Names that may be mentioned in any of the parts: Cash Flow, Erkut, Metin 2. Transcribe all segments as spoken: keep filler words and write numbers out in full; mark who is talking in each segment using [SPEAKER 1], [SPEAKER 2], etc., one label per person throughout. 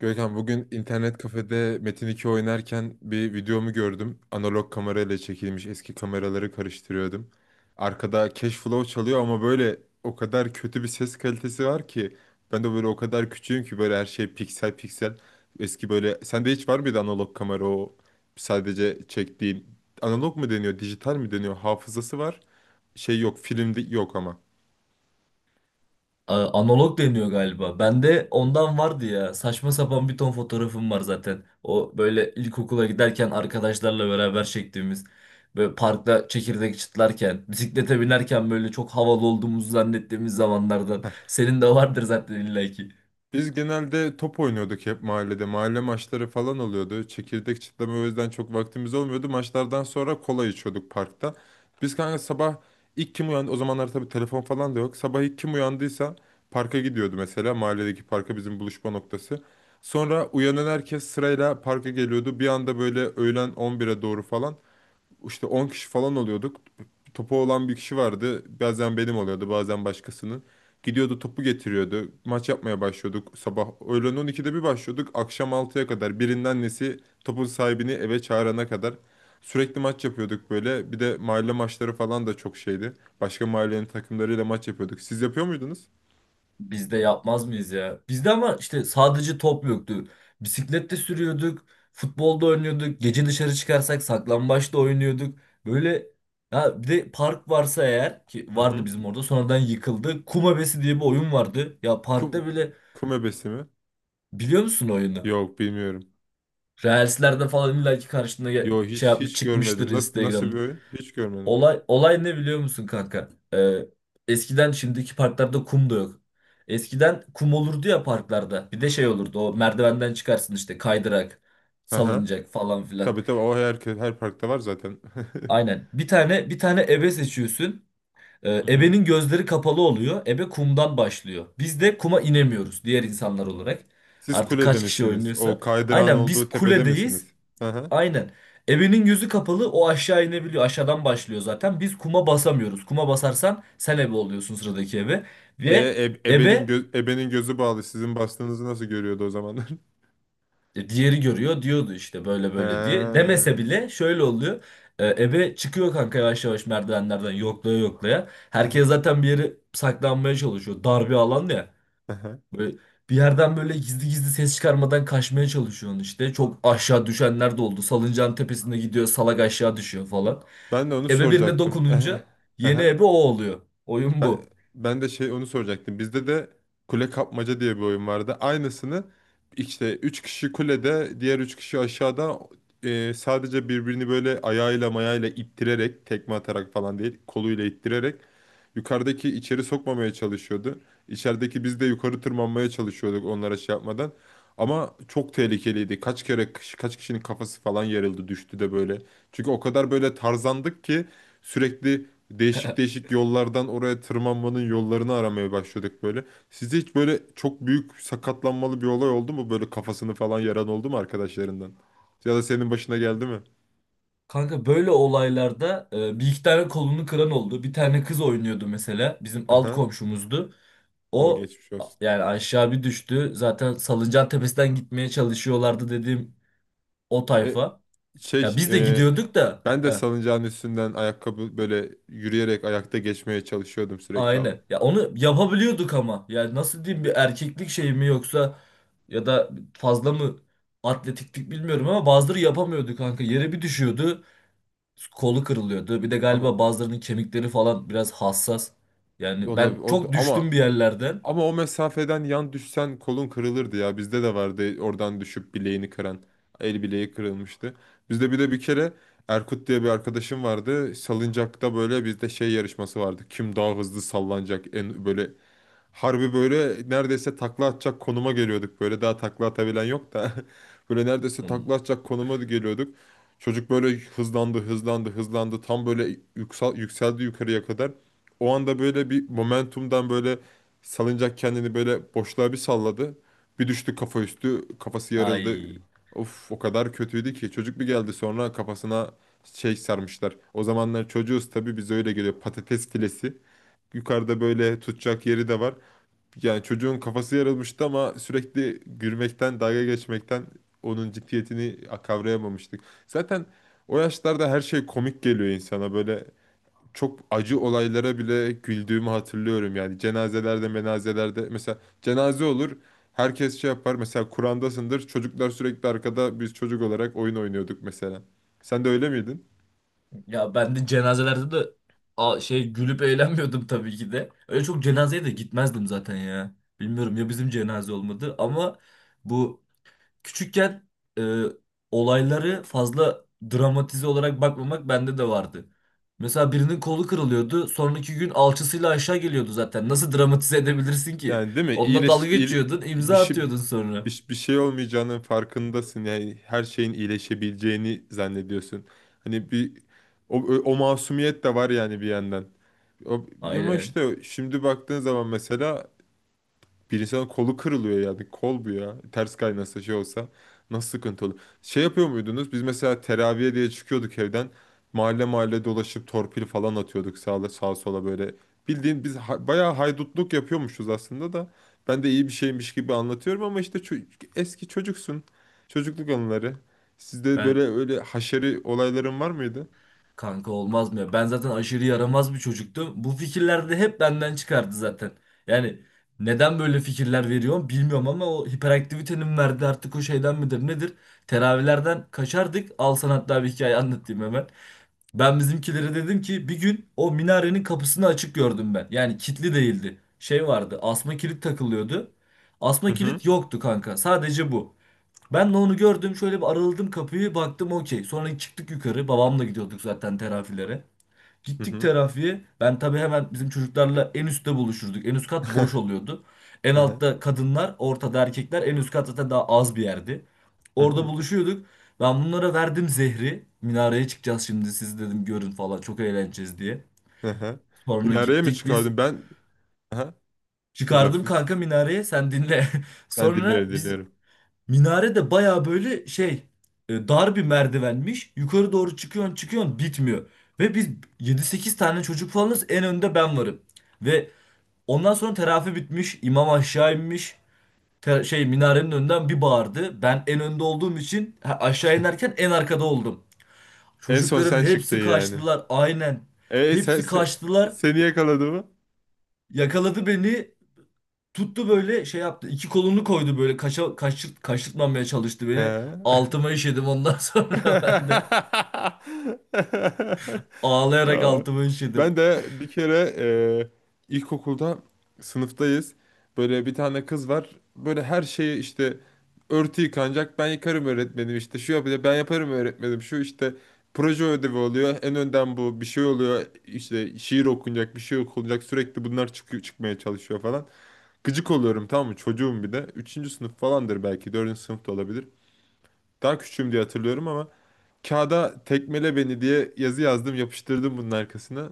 [SPEAKER 1] Görkem bugün internet kafede Metin iki oynarken bir videomu gördüm. Analog kamerayla çekilmiş eski kameraları karıştırıyordum. Arkada Cash Flow çalıyor ama böyle o kadar kötü bir ses kalitesi var ki. Ben de böyle o kadar küçüğüm ki böyle her şey piksel piksel. Eski böyle sende hiç var mıydı analog kamera o sadece çektiğin analog mu deniyor dijital mi deniyor hafızası var. Şey yok filmde yok ama.
[SPEAKER 2] A- Analog deniyor galiba. Bende ondan vardı ya. Saçma sapan bir ton fotoğrafım var zaten. O böyle ilkokula giderken arkadaşlarla beraber çektiğimiz. Böyle parkta çekirdek çıtlarken, bisiklete binerken böyle çok havalı olduğumuzu zannettiğimiz zamanlardan. Senin de vardır zaten illaki.
[SPEAKER 1] Biz genelde top oynuyorduk hep mahallede. Mahalle maçları falan oluyordu. Çekirdek çitleme o yüzden çok vaktimiz olmuyordu. Maçlardan sonra kola içiyorduk parkta. Biz kanka sabah ilk kim uyandı? O zamanlar tabii telefon falan da yok. Sabah ilk kim uyandıysa parka gidiyordu mesela. Mahalledeki parka bizim buluşma noktası. Sonra uyanan herkes sırayla parka geliyordu. Bir anda böyle öğlen on bire doğru falan işte on kişi falan oluyorduk, topu olan bir kişi vardı. Bazen benim oluyordu, bazen başkasının. Gidiyordu topu getiriyordu. Maç yapmaya başlıyorduk sabah. Öğlen on ikide bir başlıyorduk. Akşam altıya kadar, birinin annesi topun sahibini eve çağırana kadar sürekli maç yapıyorduk böyle. Bir de mahalle maçları falan da çok şeydi. Başka mahallenin takımlarıyla maç yapıyorduk. Siz yapıyor muydunuz?
[SPEAKER 2] Biz de yapmaz mıyız ya? Bizde ama işte sadece top yoktu. Bisiklet de sürüyorduk, futbolda oynuyorduk, gece dışarı çıkarsak saklambaçta oynuyorduk. Böyle ha bir de park varsa eğer ki
[SPEAKER 1] Hı
[SPEAKER 2] vardı
[SPEAKER 1] hı.
[SPEAKER 2] bizim orada sonradan yıkıldı. Kum Hevesi diye bir oyun vardı. Ya parkta
[SPEAKER 1] Kum,
[SPEAKER 2] böyle
[SPEAKER 1] kum ebesi mi?
[SPEAKER 2] biliyor musun oyunu?
[SPEAKER 1] Yok, bilmiyorum.
[SPEAKER 2] Reels'lerde falan illaki karşına gel-
[SPEAKER 1] Yok,
[SPEAKER 2] şey
[SPEAKER 1] hiç
[SPEAKER 2] yapmış
[SPEAKER 1] hiç
[SPEAKER 2] çıkmıştır
[SPEAKER 1] görmedim. Nasıl nasıl bir
[SPEAKER 2] Instagram'da.
[SPEAKER 1] oyun? Hiç görmedim.
[SPEAKER 2] Olay olay ne biliyor musun kanka? Ee, eskiden şimdiki parklarda kum da yok. Eskiden kum olurdu ya parklarda. Bir de şey olurdu. O merdivenden çıkarsın işte kaydırak,
[SPEAKER 1] Aha.
[SPEAKER 2] salıncak falan filan.
[SPEAKER 1] Tabii, tabii, o her, her parkta var zaten.
[SPEAKER 2] Aynen. Bir tane bir tane ebe seçiyorsun. Ee,
[SPEAKER 1] Hı hı.
[SPEAKER 2] ebenin gözleri kapalı oluyor. Ebe kumdan başlıyor. Biz de kuma inemiyoruz diğer insanlar olarak.
[SPEAKER 1] Siz
[SPEAKER 2] Artık
[SPEAKER 1] kulede
[SPEAKER 2] kaç kişi
[SPEAKER 1] misiniz?
[SPEAKER 2] oynuyorsa.
[SPEAKER 1] O kaydırağın
[SPEAKER 2] Aynen biz
[SPEAKER 1] olduğu tepede
[SPEAKER 2] kuledeyiz.
[SPEAKER 1] misiniz? Hı hı.
[SPEAKER 2] Aynen. Ebenin yüzü kapalı o aşağı inebiliyor. Aşağıdan başlıyor zaten. Biz kuma basamıyoruz. Kuma basarsan sen ebe oluyorsun sıradaki ebe.
[SPEAKER 1] E,
[SPEAKER 2] Ve
[SPEAKER 1] e- ebenin,
[SPEAKER 2] ebe
[SPEAKER 1] gö- ebenin gözü bağlı. Sizin bastığınızı nasıl görüyordu o zamanlar?
[SPEAKER 2] e, diğeri görüyor diyordu işte böyle
[SPEAKER 1] He.
[SPEAKER 2] böyle diye. Demese
[SPEAKER 1] Hı
[SPEAKER 2] bile şöyle oluyor. E, Ebe çıkıyor kanka yavaş yavaş merdivenlerden yoklaya yoklaya. Herkes
[SPEAKER 1] hı.
[SPEAKER 2] zaten bir yere saklanmaya çalışıyor. Dar bir alan ya.
[SPEAKER 1] Hı hı.
[SPEAKER 2] Böyle bir yerden böyle gizli gizli ses çıkarmadan kaçmaya çalışıyorsun işte. Çok aşağı düşenler de oldu. Salıncağın tepesinde gidiyor salak aşağı düşüyor falan.
[SPEAKER 1] Ben de onu
[SPEAKER 2] Ebe birine
[SPEAKER 1] soracaktım.
[SPEAKER 2] dokununca
[SPEAKER 1] Hı
[SPEAKER 2] yeni
[SPEAKER 1] hı.
[SPEAKER 2] ebe o oluyor. Oyun
[SPEAKER 1] Ben,
[SPEAKER 2] bu.
[SPEAKER 1] ben de şey onu soracaktım. Bizde de kule kapmaca diye bir oyun vardı. Aynısını işte üç kişi kulede, diğer üç kişi aşağıda, e, sadece birbirini böyle ayağıyla mayayla ittirerek, tekme atarak falan değil, koluyla ittirerek. Yukarıdaki içeri sokmamaya çalışıyordu. İçerideki biz de yukarı tırmanmaya çalışıyorduk onlara şey yapmadan. Ama çok tehlikeliydi. Kaç kere kaç kişinin kafası falan yarıldı, düştü de böyle. Çünkü o kadar böyle tarzandık ki sürekli değişik değişik yollardan oraya tırmanmanın yollarını aramaya başladık böyle. Sizde hiç böyle çok büyük sakatlanmalı bir olay oldu mu? Böyle kafasını falan yaran oldu mu arkadaşlarından? Ya da senin başına geldi mi?
[SPEAKER 2] Kanka böyle olaylarda e, bir iki tane kolunu kıran oldu. Bir tane kız oynuyordu mesela. Bizim alt
[SPEAKER 1] Aha.
[SPEAKER 2] komşumuzdu.
[SPEAKER 1] O
[SPEAKER 2] O
[SPEAKER 1] geçmiş
[SPEAKER 2] a-
[SPEAKER 1] olsun.
[SPEAKER 2] yani aşağı bir düştü. Zaten salıncağın tepesinden gitmeye çalışıyorlardı dediğim o
[SPEAKER 1] E,
[SPEAKER 2] tayfa. Ya
[SPEAKER 1] şey
[SPEAKER 2] biz de
[SPEAKER 1] e,
[SPEAKER 2] gidiyorduk da.
[SPEAKER 1] Ben de
[SPEAKER 2] Heh,
[SPEAKER 1] salıncağın üstünden ayakkabı böyle yürüyerek ayakta geçmeye çalışıyordum sürekli ama.
[SPEAKER 2] aynen. Ya onu yapabiliyorduk ama. Yani nasıl diyeyim bir erkeklik şey mi yoksa ya da fazla mı atletiklik bilmiyorum ama bazıları yapamıyordu kanka. Yere bir düşüyordu. Kolu kırılıyordu. Bir de
[SPEAKER 1] Ama
[SPEAKER 2] galiba bazılarının kemikleri falan biraz hassas. Yani
[SPEAKER 1] olabilir
[SPEAKER 2] ben
[SPEAKER 1] o da-
[SPEAKER 2] çok düştüm
[SPEAKER 1] ama
[SPEAKER 2] bir yerlerden.
[SPEAKER 1] ama o mesafeden yan düşsen kolun kırılırdı ya. Bizde de vardı oradan düşüp bileğini kıran. El bileği kırılmıştı. Bizde bir de bir kere Erkut diye bir arkadaşım vardı. Salıncakta böyle bizde şey yarışması vardı. Kim daha hızlı sallanacak, en böyle harbi böyle neredeyse takla atacak konuma geliyorduk. Böyle daha takla atabilen yok da. Böyle neredeyse
[SPEAKER 2] Hmm.
[SPEAKER 1] takla atacak konuma da geliyorduk. Çocuk böyle hızlandı, hızlandı, hızlandı. Tam böyle yüksel, yükseldi yukarıya kadar. O anda böyle bir momentumdan böyle salıncak kendini böyle boşluğa bir salladı. Bir düştü kafa üstü, kafası yarıldı.
[SPEAKER 2] Ay.
[SPEAKER 1] Of, o kadar kötüydü ki. Çocuk bir geldi sonra kafasına şey sarmışlar. O zamanlar çocuğuz tabii, biz öyle geliyor patates filesi. Yukarıda böyle tutacak yeri de var. Yani çocuğun kafası yarılmıştı ama sürekli gülmekten, dalga geçmekten onun ciddiyetini kavrayamamıştık. Zaten o yaşlarda her şey komik geliyor insana. Böyle çok acı olaylara bile güldüğümü hatırlıyorum. Yani cenazelerde, menazelerde, mesela cenaze olur. Herkes şey yapar. Mesela Kur'an'dasındır. Çocuklar sürekli arkada, biz çocuk olarak oyun oynuyorduk mesela. Sen de öyle miydin?
[SPEAKER 2] Ya ben de cenazelerde de a- şey gülüp eğlenmiyordum tabii ki de. Öyle çok cenazeye de gitmezdim zaten ya. Bilmiyorum ya bizim cenaze olmadı ama bu küçükken e, olayları fazla dramatize olarak bakmamak bende de vardı. Mesela birinin kolu kırılıyordu. Sonraki gün alçısıyla aşağı geliyordu zaten. Nasıl dramatize edebilirsin ki?
[SPEAKER 1] Yani, değil mi?
[SPEAKER 2] Onunla
[SPEAKER 1] İyileş,
[SPEAKER 2] dalga
[SPEAKER 1] iyil-
[SPEAKER 2] geçiyordun,
[SPEAKER 1] bir
[SPEAKER 2] imza
[SPEAKER 1] şey
[SPEAKER 2] atıyordun sonra.
[SPEAKER 1] bir, bir şey olmayacağının farkındasın. Yani her şeyin iyileşebileceğini zannediyorsun. Hani bir o, o masumiyet de var yani bir yandan. O, Ama
[SPEAKER 2] Aynen.
[SPEAKER 1] işte şimdi baktığın zaman mesela bir insanın kolu kırılıyor yani. Kol bu ya. Ters kaynasa, şey olsa nasıl sıkıntı olur. Şey yapıyor muydunuz? Biz mesela teraviye diye çıkıyorduk evden. Mahalle mahalle dolaşıp torpil falan atıyorduk sağa, sağa sola böyle. Bildiğin biz ha- bayağı haydutluk yapıyormuşuz aslında da. Ben de iyi bir şeymiş gibi anlatıyorum ama işte ço- eski çocuksun. Çocukluk anıları. Sizde böyle
[SPEAKER 2] Ben
[SPEAKER 1] öyle haşeri olayların var mıydı?
[SPEAKER 2] kanka olmaz mı ya? Ben zaten aşırı yaramaz bir çocuktum. Bu fikirler de hep benden çıkardı zaten. Yani neden böyle fikirler veriyorum bilmiyorum ama o hiperaktivitenin verdiği artık o şeyden midir nedir? Teravilerden kaçardık. Al sana hatta bir hikaye anlatayım hemen. Ben bizimkilere dedim ki bir gün o minarenin kapısını açık gördüm ben. Yani kilitli değildi. Şey vardı. Asma kilit takılıyordu.
[SPEAKER 1] Hı
[SPEAKER 2] Asma
[SPEAKER 1] hı.
[SPEAKER 2] kilit yoktu kanka. Sadece bu. Ben de onu gördüm. Şöyle bir araladım kapıyı. Baktım okey. Sonra çıktık yukarı. Babamla gidiyorduk zaten terafilere.
[SPEAKER 1] Hı
[SPEAKER 2] Gittik
[SPEAKER 1] hı.
[SPEAKER 2] terafiye. Ben tabii hemen bizim çocuklarla en üstte buluşurduk. En üst kat boş oluyordu. En
[SPEAKER 1] Hı hı.
[SPEAKER 2] altta kadınlar, ortada erkekler. En üst kat zaten daha az bir yerdi.
[SPEAKER 1] Hı
[SPEAKER 2] Orada
[SPEAKER 1] hı.
[SPEAKER 2] buluşuyorduk. Ben bunlara verdim zehri. Minareye çıkacağız şimdi siz dedim görün falan çok eğleneceğiz diye.
[SPEAKER 1] Hı hı.
[SPEAKER 2] Sonra
[SPEAKER 1] Minareye mi
[SPEAKER 2] gittik biz.
[SPEAKER 1] çıkardın? Ben... Aha. Bir laf.
[SPEAKER 2] Çıkardım kanka minareye sen dinle.
[SPEAKER 1] Ben
[SPEAKER 2] Sonra
[SPEAKER 1] dinliyorum,
[SPEAKER 2] biz
[SPEAKER 1] dinliyorum.
[SPEAKER 2] minare de baya böyle şey e, dar bir merdivenmiş. Yukarı doğru çıkıyorsun çıkıyorsun bitmiyor. Ve biz yedi sekiz tane çocuk falanız en önde ben varım. Ve ondan sonra terafi bitmiş. İmam aşağı inmiş. Te- şey minarenin önünden bir bağırdı. Ben en önde olduğum için ha, aşağı inerken en arkada oldum.
[SPEAKER 1] En son
[SPEAKER 2] Çocukların
[SPEAKER 1] sen çıktın
[SPEAKER 2] hepsi
[SPEAKER 1] yani.
[SPEAKER 2] kaçtılar aynen.
[SPEAKER 1] E sen,
[SPEAKER 2] Hepsi
[SPEAKER 1] se-
[SPEAKER 2] kaçtılar.
[SPEAKER 1] Seni yakaladı mı?
[SPEAKER 2] Yakaladı beni. Tuttu böyle şey yaptı. İki kolunu koydu böyle kaşa, kaşırt, kaşırtmamaya çalıştı beni.
[SPEAKER 1] He.
[SPEAKER 2] Altıma işedim ondan sonra ben de. Ağlayarak
[SPEAKER 1] Ya,
[SPEAKER 2] altıma işedim.
[SPEAKER 1] ben de bir kere, e, ilkokulda sınıftayız. Böyle bir tane kız var. Böyle her şeyi işte, örtü yıkanacak, ben yıkarım öğretmenim işte. Şu yapacak, ben yaparım öğretmenim. Şu işte proje ödevi oluyor. En önden bu bir şey oluyor. İşte şiir okunacak, bir şey okunacak. Sürekli bunlar çıkıyor, çıkmaya çalışıyor falan. Gıcık oluyorum, tamam mı? Çocuğum bir de. Üçüncü sınıf falandır belki. Dördüncü sınıfta olabilir. Daha küçüğüm diye hatırlıyorum ama kağıda "tekmele beni" diye yazı yazdım, yapıştırdım bunun arkasına.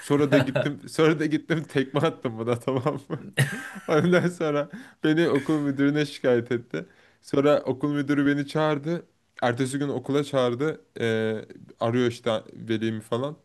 [SPEAKER 1] Sonra da gittim, sonra da gittim tekme attım buna, tamam mı? Ondan sonra beni okul müdürüne şikayet etti. Sonra okul müdürü beni çağırdı. Ertesi gün okula çağırdı. Ee, arıyor işte velimi falan.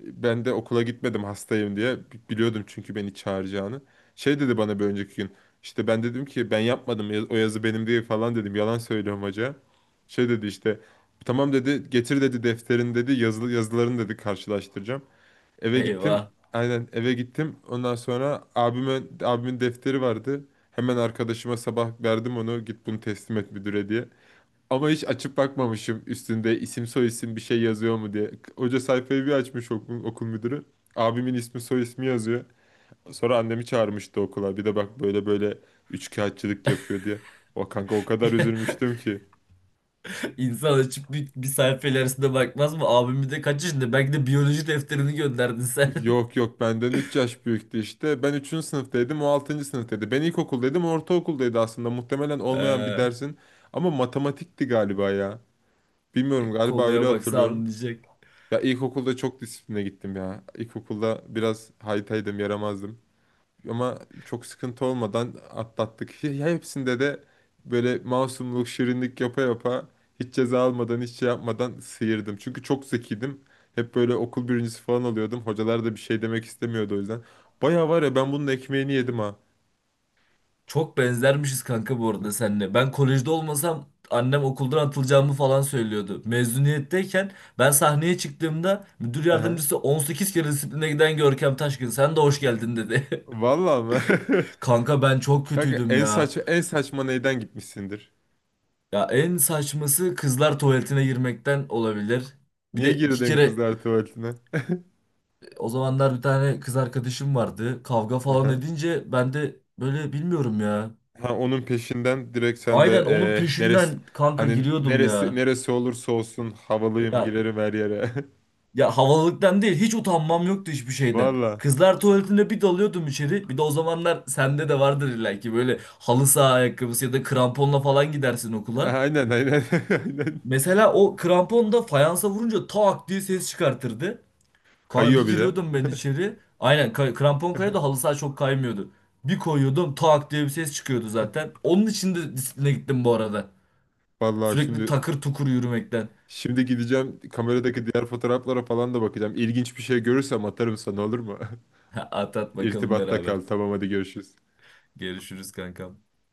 [SPEAKER 1] Ben de okula gitmedim, hastayım diye. Bi- Biliyordum çünkü beni çağıracağını. Şey dedi bana bir önceki gün. İşte ben dedim ki, ben yapmadım, ya- o yazı benim değil falan dedim. Yalan söylüyorum hoca. Şey dedi işte, tamam dedi, getir dedi defterin dedi, yazılı yazıların dedi, karşılaştıracağım. Eve gittim.
[SPEAKER 2] Eyvah.
[SPEAKER 1] Aynen, eve gittim. Ondan sonra abime abimin defteri vardı. Hemen arkadaşıma sabah verdim onu, git bunu teslim et müdüre diye. Ama hiç açıp bakmamışım üstünde isim soy isim bir şey yazıyor mu diye. Hoca sayfayı bir açmış, okul, okul müdürü. Abimin ismi soy ismi yazıyor. Sonra annemi çağırmıştı okula, bir de bak böyle böyle üçkağıtçılık yapıyor diye. O, kanka, o kadar üzülmüştüm ki.
[SPEAKER 2] İnsan açıp bir, bir sayfa ilerisine bakmaz mı? Abim bir de kaç yaşında? Belki de biyoloji defterini gönderdin sen.
[SPEAKER 1] Yok, yok, benden üç yaş büyüktü işte. Ben üçüncü sınıftaydım, o altıncı sınıftaydı. Ben ilkokuldaydım, o ortaokuldaydı aslında. Muhtemelen olmayan bir
[SPEAKER 2] Ee,
[SPEAKER 1] dersin. Ama matematikti galiba ya. Bilmiyorum, galiba öyle
[SPEAKER 2] konuya baksa
[SPEAKER 1] hatırlıyorum.
[SPEAKER 2] anlayacak.
[SPEAKER 1] Ya, ilkokulda çok disipline gittim ya. İlkokulda biraz haytaydım, yaramazdım. Ama çok sıkıntı olmadan atlattık. Ya ya hepsinde de böyle masumluk, şirinlik yapa yapa hiç ceza almadan, hiç şey yapmadan sıyırdım. Çünkü çok zekiydim. Hep böyle okul birincisi falan oluyordum. Hocalar da bir şey demek istemiyordu o yüzden. Baya var ya, ben bunun ekmeğini yedim ha.
[SPEAKER 2] Çok benzermişiz kanka bu arada
[SPEAKER 1] Çok-
[SPEAKER 2] seninle. Ben kolejde olmasam annem okuldan atılacağımı falan söylüyordu. Mezuniyetteyken ben sahneye çıktığımda müdür
[SPEAKER 1] Aha.
[SPEAKER 2] yardımcısı on sekiz kere disipline giden Görkem Taşkın sen de hoş geldin dedi.
[SPEAKER 1] Vallahi mı?
[SPEAKER 2] Kanka ben çok
[SPEAKER 1] Kanka
[SPEAKER 2] kötüydüm
[SPEAKER 1] en
[SPEAKER 2] ya.
[SPEAKER 1] saç en saçma neyden gitmişsindir?
[SPEAKER 2] Ya en saçması kızlar tuvaletine girmekten olabilir. Bir
[SPEAKER 1] Niye
[SPEAKER 2] de iki
[SPEAKER 1] girdin
[SPEAKER 2] kere
[SPEAKER 1] kızlar tuvaletine?
[SPEAKER 2] o zamanlar bir tane kız arkadaşım vardı. Kavga falan
[SPEAKER 1] Aha.
[SPEAKER 2] edince ben de böyle bilmiyorum ya.
[SPEAKER 1] Ha, onun peşinden direkt sen de,
[SPEAKER 2] Aynen onun
[SPEAKER 1] eee, neresi
[SPEAKER 2] peşinden kanka
[SPEAKER 1] hani,
[SPEAKER 2] giriyordum
[SPEAKER 1] neresi
[SPEAKER 2] ya.
[SPEAKER 1] neresi olursa olsun havalıyım,
[SPEAKER 2] Ya
[SPEAKER 1] girerim her yere.
[SPEAKER 2] Ya havalılıktan değil hiç utanmam yoktu hiçbir şeyden.
[SPEAKER 1] Valla.
[SPEAKER 2] Kızlar tuvaletinde bir dalıyordum içeri. Bir de o zamanlar sende de vardır illa ki böyle halı saha ayakkabısı ya da kramponla falan gidersin okula.
[SPEAKER 1] Aynen, aynen, aynen.
[SPEAKER 2] Mesela o krampon da fayansa vurunca tak diye ses çıkartırdı. Kanka
[SPEAKER 1] Kayıyor
[SPEAKER 2] bir
[SPEAKER 1] bir de.
[SPEAKER 2] giriyordum ben içeri. Aynen kay- krampon kayıyordu halı saha çok kaymıyordu. Bir koyuyordum tak diye bir ses çıkıyordu zaten. Onun için de disipline gittim bu arada.
[SPEAKER 1] Valla,
[SPEAKER 2] Sürekli
[SPEAKER 1] şimdi
[SPEAKER 2] takır tukur yürümekten.
[SPEAKER 1] şimdi gideceğim, kameradaki diğer fotoğraflara falan da bakacağım. İlginç bir şey görürsem atarım sana, olur mu?
[SPEAKER 2] At at bakalım
[SPEAKER 1] İrtibatta
[SPEAKER 2] beraber.
[SPEAKER 1] kal. Tamam, hadi görüşürüz.
[SPEAKER 2] Görüşürüz kankam.